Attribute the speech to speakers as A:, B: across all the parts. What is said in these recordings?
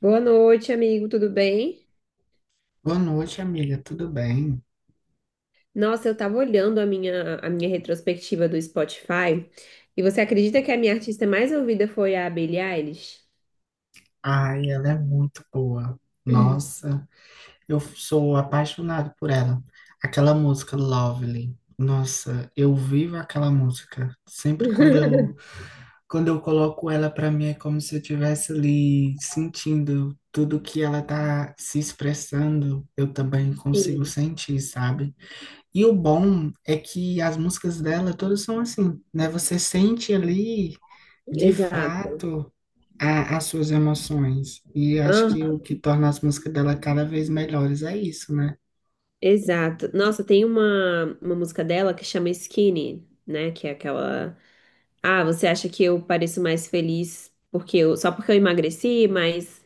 A: Boa noite, amigo, tudo bem?
B: Boa noite, amiga. Tudo bem?
A: Nossa, eu tava olhando a minha retrospectiva do Spotify e você acredita que a minha artista mais ouvida foi a Billie Eilish?
B: Ai, ela é muito boa. Nossa, eu sou apaixonado por ela. Aquela música Lovely. Nossa, eu vivo aquela música. Sempre quando eu quando eu coloco ela pra mim é como se eu estivesse ali sentindo tudo que ela tá se expressando. Eu também consigo
A: Sim,
B: sentir, sabe? E o bom é que as músicas dela todas são assim, né? Você sente ali de
A: exato.
B: fato as suas emoções. E acho
A: Hã?
B: que o que torna as músicas dela cada vez melhores é isso, né?
A: Exato. Nossa, tem uma música dela que chama Skinny, né? Que é aquela. Ah, você acha que eu pareço mais feliz só porque eu emagreci, mas,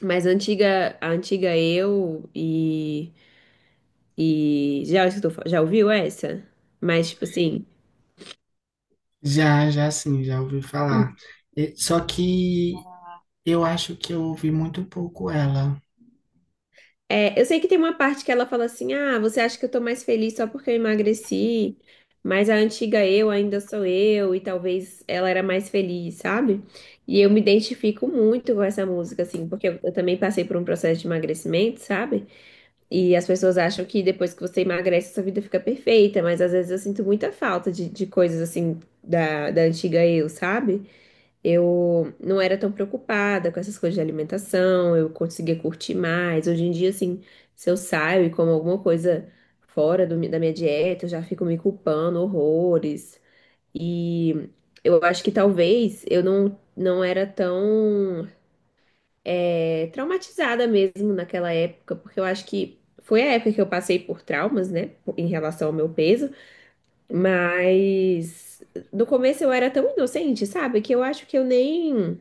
A: a antiga eu e. E já escutou, já ouviu essa? Mas, tipo assim,
B: Já sim, já ouvi falar. Só que eu acho que eu ouvi muito pouco ela.
A: é, eu sei que tem uma parte que ela fala assim: ah, você acha que eu tô mais feliz só porque eu emagreci, mas a antiga eu ainda sou eu, e talvez ela era mais feliz, sabe? E eu me identifico muito com essa música, assim, eu também passei por um processo de emagrecimento, sabe? E as pessoas acham que depois que você emagrece, sua vida fica perfeita, mas às vezes eu sinto muita falta de coisas assim da antiga eu, sabe? Eu não era tão preocupada com essas coisas de alimentação, eu conseguia curtir mais. Hoje em dia, assim, se eu saio e como alguma coisa fora da minha dieta, eu já fico me culpando horrores. E eu acho que talvez eu não, não era tão é, traumatizada mesmo naquela época, porque eu acho que foi a época que eu passei por traumas, né, em relação ao meu peso, mas no começo eu era tão inocente, sabe, que eu acho que eu nem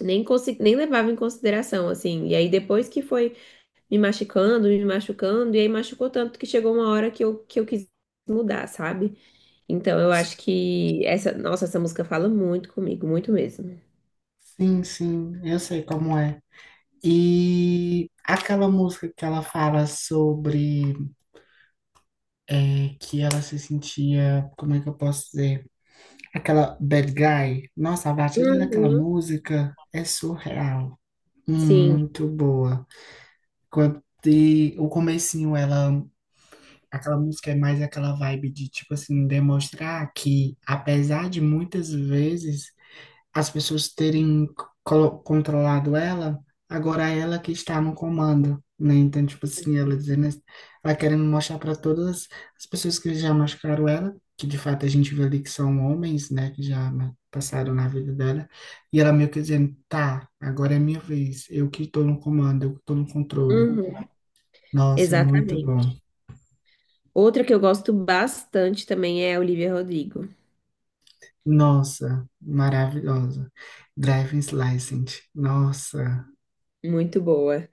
A: nem consegui, nem levava em consideração, assim. E aí depois que foi me machucando, e aí machucou tanto que chegou uma hora que eu quis mudar, sabe? Então eu
B: S-
A: acho que essa, nossa, essa música fala muito comigo, muito mesmo.
B: sim, eu sei como é. E aquela música que ela fala sobre, que ela se sentia, como é que eu posso dizer? Aquela Bad Guy. Nossa, a batida daquela
A: Uhum.
B: música é surreal.
A: Sim,
B: Muito boa. Quando e o comecinho, ela, aquela música é mais aquela vibe de, tipo assim, demonstrar que, apesar de muitas vezes as pessoas terem controlado ela, agora é ela que está no comando, né? Então, tipo assim, ela dizendo, ela querendo mostrar para todas as pessoas que já machucaram ela, que de fato a gente vê ali que são homens, né, que já, né, passaram na vida dela, e ela meio que dizendo: tá, agora é minha vez, eu que estou no comando, eu que estou no controle.
A: uhum,
B: Nossa, muito
A: exatamente.
B: bom.
A: Outra que eu gosto bastante também é a Olivia Rodrigo.
B: Nossa, maravilhosa. Driving License. Nossa,
A: Muito boa,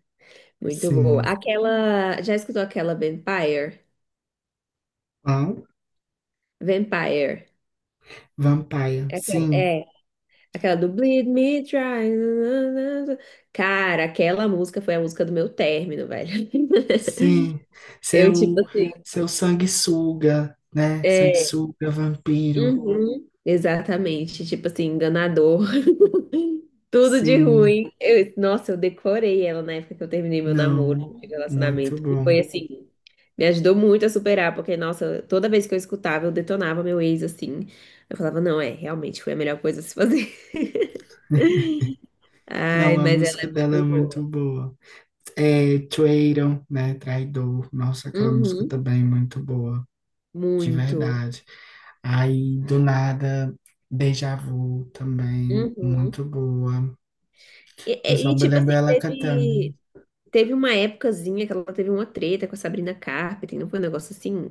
A: muito boa.
B: sim.
A: Aquela, já escutou aquela Vampire?
B: Qual?
A: Vampire.
B: Vampire.
A: É, aquela-
B: Sim,
A: é aquela do Bleed Me Dry. Na, na, na, cara, aquela música foi a música do meu término, velho.
B: sim.
A: Eu, tipo
B: Seu,
A: assim,
B: seu sanguessuga, né?
A: é.
B: Sanguessuga, vampiro.
A: Uhum, exatamente. Tipo assim, enganador. Tudo de
B: Sim.
A: ruim. Eu- nossa, eu decorei ela na época que eu terminei meu namoro,
B: Não,
A: meu
B: muito
A: relacionamento. E foi
B: bom.
A: assim, me ajudou muito a superar, porque, nossa, toda vez que eu escutava, eu detonava meu ex assim. Eu falava, não, é, realmente foi a melhor coisa a se fazer. Ai,
B: Não, a
A: mas ela
B: música
A: é
B: dela
A: muito
B: é muito
A: boa.
B: boa. É Traitor, né? Traidor. Nossa, aquela música
A: Uhum.
B: também é muito boa. De
A: Muito.
B: verdade. Aí, do nada, Deja Vu também,
A: Uhum.
B: muito boa. Eu só me
A: Tipo
B: lembro
A: assim,
B: ela cantando.
A: teve, teve uma épocazinha que ela teve uma treta com a Sabrina Carpenter, não foi um negócio assim?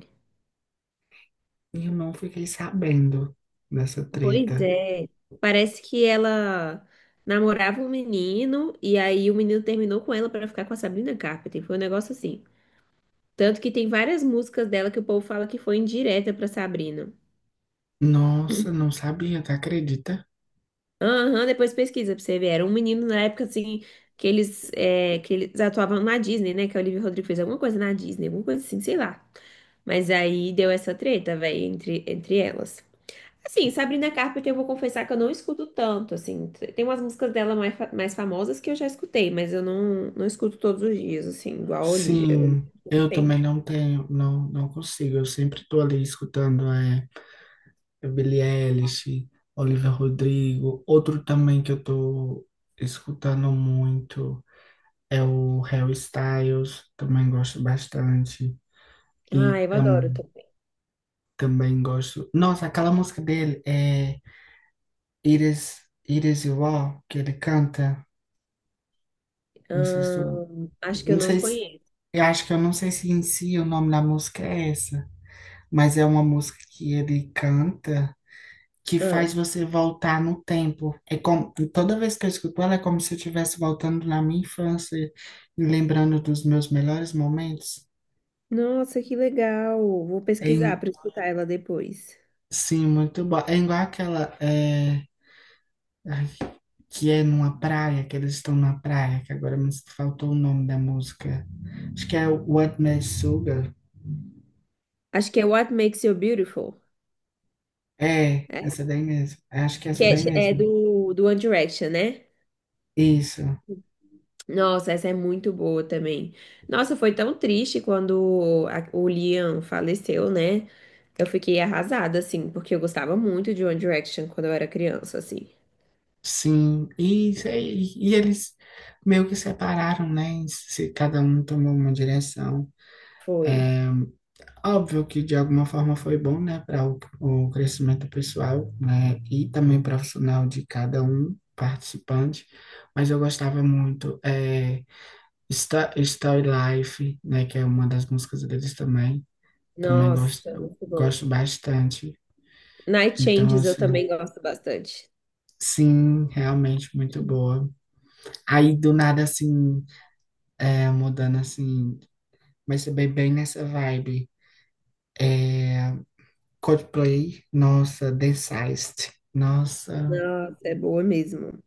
B: E eu não fiquei sabendo dessa
A: Pois
B: treta.
A: é. Parece que ela namorava um menino e aí o menino terminou com ela pra ficar com a Sabrina Carpenter. Foi um negócio assim. Tanto que tem várias músicas dela que o povo fala que foi indireta pra Sabrina.
B: Nossa, não sabia, tá? Acredita?
A: Aham, depois pesquisa pra você ver. Era um menino na época, assim, que eles, é, que eles atuavam na Disney, né? Que a Olivia Rodrigo fez alguma coisa na Disney, alguma coisa assim, sei lá. Mas aí deu essa treta, velho, entre elas. Assim, Sabrina Carpenter, eu vou confessar que eu não escuto tanto, assim. Tem umas músicas dela mais, mais famosas que eu já escutei, mas eu não, não escuto todos os dias, assim, igual a Olivia, eu
B: Sim, eu também
A: sempre.
B: não tenho, não, não consigo. Eu sempre tô ali escutando, Billie Eilish, Olivia Rodrigo. Outro também que eu tô escutando muito é o Harry Styles, também gosto bastante.
A: Ah,
B: E
A: eu adoro
B: tam,
A: também.
B: também gosto. Nossa, aquela música dele é It Is, It Is You All, que ele canta. Não sei se tu,
A: Acho que eu
B: não
A: não
B: sei se,
A: conheço.
B: eu acho que eu não sei se em si o nome da música é essa, mas é uma música que ele canta, que faz você voltar no tempo. É como, toda vez que eu escuto ela, é como se eu estivesse voltando na minha infância, me lembrando dos meus melhores momentos.
A: Nossa, que legal. Vou
B: É,
A: pesquisar
B: in-
A: para escutar ela depois.
B: sim, muito bom. É igual aquela, ai, que é numa praia, que eles estão na praia, que agora me faltou o nome da música. Acho que é o What Made Sugar.
A: Acho que é What Makes You Beautiful,
B: É,
A: é?
B: essa daí mesmo. Acho que é
A: Que
B: essa
A: é,
B: daí
A: é
B: mesmo.
A: do One Direction, né?
B: Isso.
A: Nossa, essa é muito boa também. Nossa, foi tão triste quando a- o Liam faleceu, né? Eu fiquei arrasada, assim, porque eu gostava muito de One Direction quando eu era criança, assim.
B: Sim, e, isso, e eles meio que separaram, né? Se cada um tomou uma direção.
A: Foi.
B: É, óbvio que de alguma forma foi bom, né, para o crescimento pessoal, né, e também profissional de cada um participante, mas eu gostava muito. É, Story Life, né, que é uma das músicas deles também, também
A: Nossa, é
B: gosto,
A: muito bom.
B: gosto bastante.
A: Night
B: Então,
A: Changes eu
B: assim,
A: também gosto bastante.
B: sim, realmente muito boa. Aí do nada assim. É, mudando assim, mas é bem, bem nessa vibe. É, Coldplay, nossa, Densized, nossa,
A: Nossa, é boa mesmo.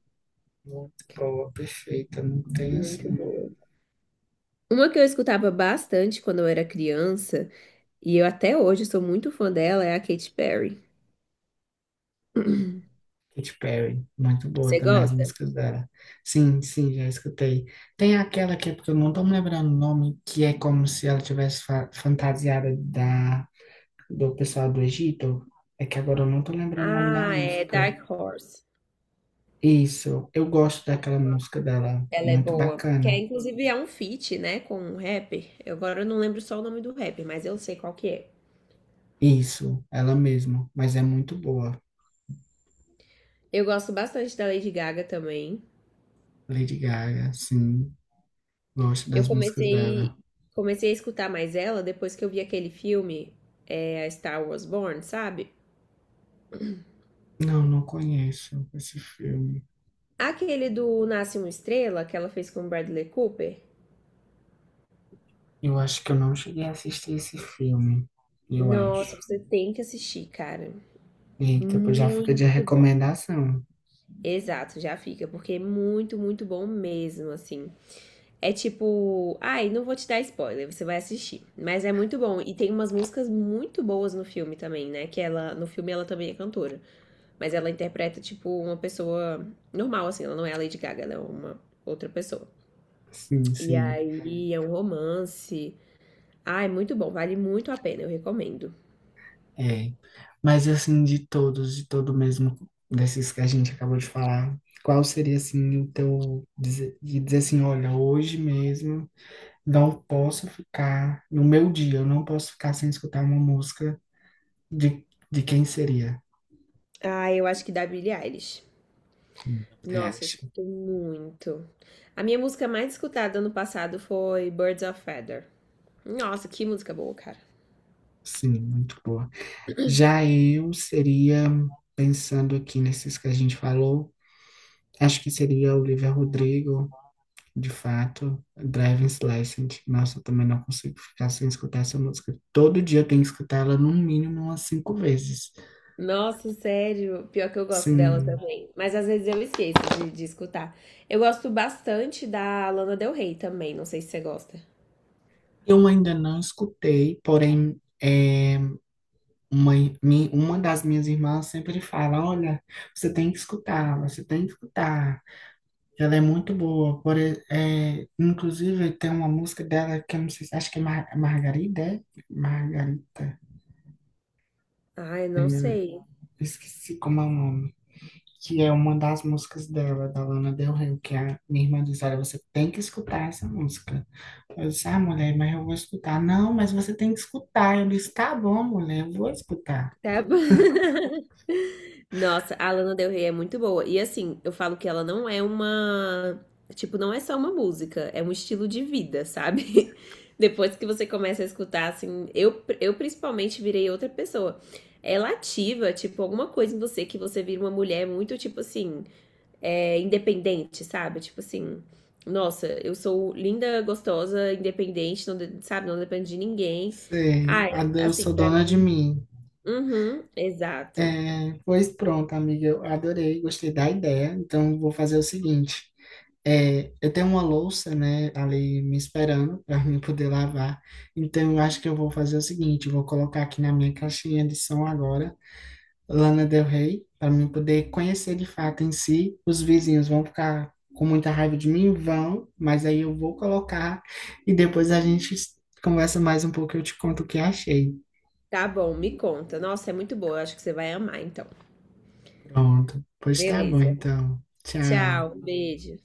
B: muito boa, perfeita, não tem
A: Muito
B: assim.
A: boa. Uma que eu escutava bastante quando eu era criança, e eu até hoje sou muito fã dela, é a Katy Perry.
B: Katy Perry, muito boa
A: Você
B: também as
A: gosta?
B: músicas dela. Sim, sim, já escutei. Tem aquela que, é porque eu não tô me lembrando o nome, que é como se ela tivesse fantasiada da, do pessoal do Egito. É que agora eu não tô lembrando o nome da
A: Ah, é
B: música.
A: Dark Horse.
B: Isso, eu gosto daquela música dela,
A: Ela é
B: muito
A: boa. Que é,
B: bacana.
A: inclusive é um feat, né, com um rapper. Eu agora não lembro só o nome do rapper, mas eu sei qual que é.
B: Isso, ela mesma, mas é muito boa.
A: Eu gosto bastante da Lady Gaga também.
B: Lady Gaga, sim, gosto
A: Eu
B: das músicas dela.
A: comecei Comecei a escutar mais ela depois que eu vi aquele filme, é, a Star Wars Born, sabe?
B: Não, não conheço esse filme.
A: Aquele do Nasce uma Estrela que ela fez com o Bradley Cooper.
B: Eu acho que eu não cheguei a assistir esse filme, eu
A: Nossa,
B: acho.
A: você tem que assistir, cara.
B: Eita, pois já fica de
A: Muito bom.
B: recomendação.
A: Exato, já fica, porque é muito, muito bom mesmo, assim. É tipo, ai, não vou te dar spoiler, você vai assistir. Mas é muito bom e tem umas músicas muito boas no filme também, né? Que ela, no filme ela também é cantora, mas ela interpreta tipo uma pessoa normal assim, ela não é a Lady Gaga, ela é uma outra pessoa.
B: Sim,
A: E
B: sim,
A: aí é um romance. Ai, muito bom, vale muito a pena, eu recomendo.
B: é. Mas assim, de todos, de todo mesmo, desses que a gente acabou de falar, qual seria assim o teu, dizer, de dizer assim: olha, hoje mesmo não posso ficar no meu dia, eu não posso ficar sem escutar uma música de, de quem seria?
A: Ah, eu acho que da Billie Eilish.
B: Eu
A: Nossa, eu
B: acho.
A: escuto muito. A minha música mais escutada ano passado foi Birds of Feather. Nossa, que música boa, cara.
B: Sim, muito boa. Já eu seria, pensando aqui nesses que a gente falou, acho que seria Olivia Rodrigo, de fato, Driving License. Nossa, eu também não consigo ficar sem escutar essa música. Todo dia eu tenho que escutar ela no mínimo umas 5 vezes.
A: Nossa, sério. Pior que eu gosto dela
B: Sim,
A: também. Mas às vezes eu esqueço de escutar. Eu gosto bastante da Lana Del Rey também. Não sei se você gosta.
B: eu ainda não escutei, porém. Uma, uma das minhas irmãs sempre fala: olha, você tem que escutar, você tem que escutar. Ela é muito boa. É, inclusive, tem uma música dela que eu não sei, acho que é Mar Margarida, é? Margarita.
A: Ai, não
B: Eu
A: sei.
B: esqueci como é o nome. Que é uma das músicas dela, da Lana Del Rey, que é a minha irmã diz: olha, você tem que escutar essa música. Eu disse: ah, mulher, mas eu vou escutar. Não, mas você tem que escutar. Eu disse: tá bom, mulher, eu vou escutar.
A: Tá bom. Nossa, a Lana Del Rey é muito boa. E assim, eu falo que ela não é uma. Tipo, não é só uma música, é um estilo de vida, sabe? Depois que você começa a escutar, assim, eu principalmente virei outra pessoa. Ela é ativa, tipo, alguma coisa em você que você vira uma mulher muito, tipo assim, é, independente, sabe? Tipo assim, nossa, eu sou linda, gostosa, independente, não, de- sabe? Não dependo de ninguém.
B: Sei,
A: Ai,
B: eu
A: assim,
B: sou
A: pra
B: dona de
A: mim.
B: mim.
A: Uhum, exato.
B: É, pois pronto, amiga, eu adorei, gostei da ideia. Então, vou fazer o seguinte: eu tenho uma louça, né, ali me esperando para mim poder lavar. Então, eu acho que eu vou fazer o seguinte: eu vou colocar aqui na minha caixinha de som agora, Lana Del Rey, para mim poder conhecer de fato em si. Os vizinhos vão ficar com muita raiva de mim, vão, mas aí eu vou colocar e depois a gente conversa mais um pouco. Eu te conto o que achei.
A: Tá bom, me conta. Nossa, é muito boa. Eu acho que você vai amar, então.
B: Pronto, pois tá bom,
A: Beleza.
B: então.
A: Tchau, um
B: Tchau.
A: beijo.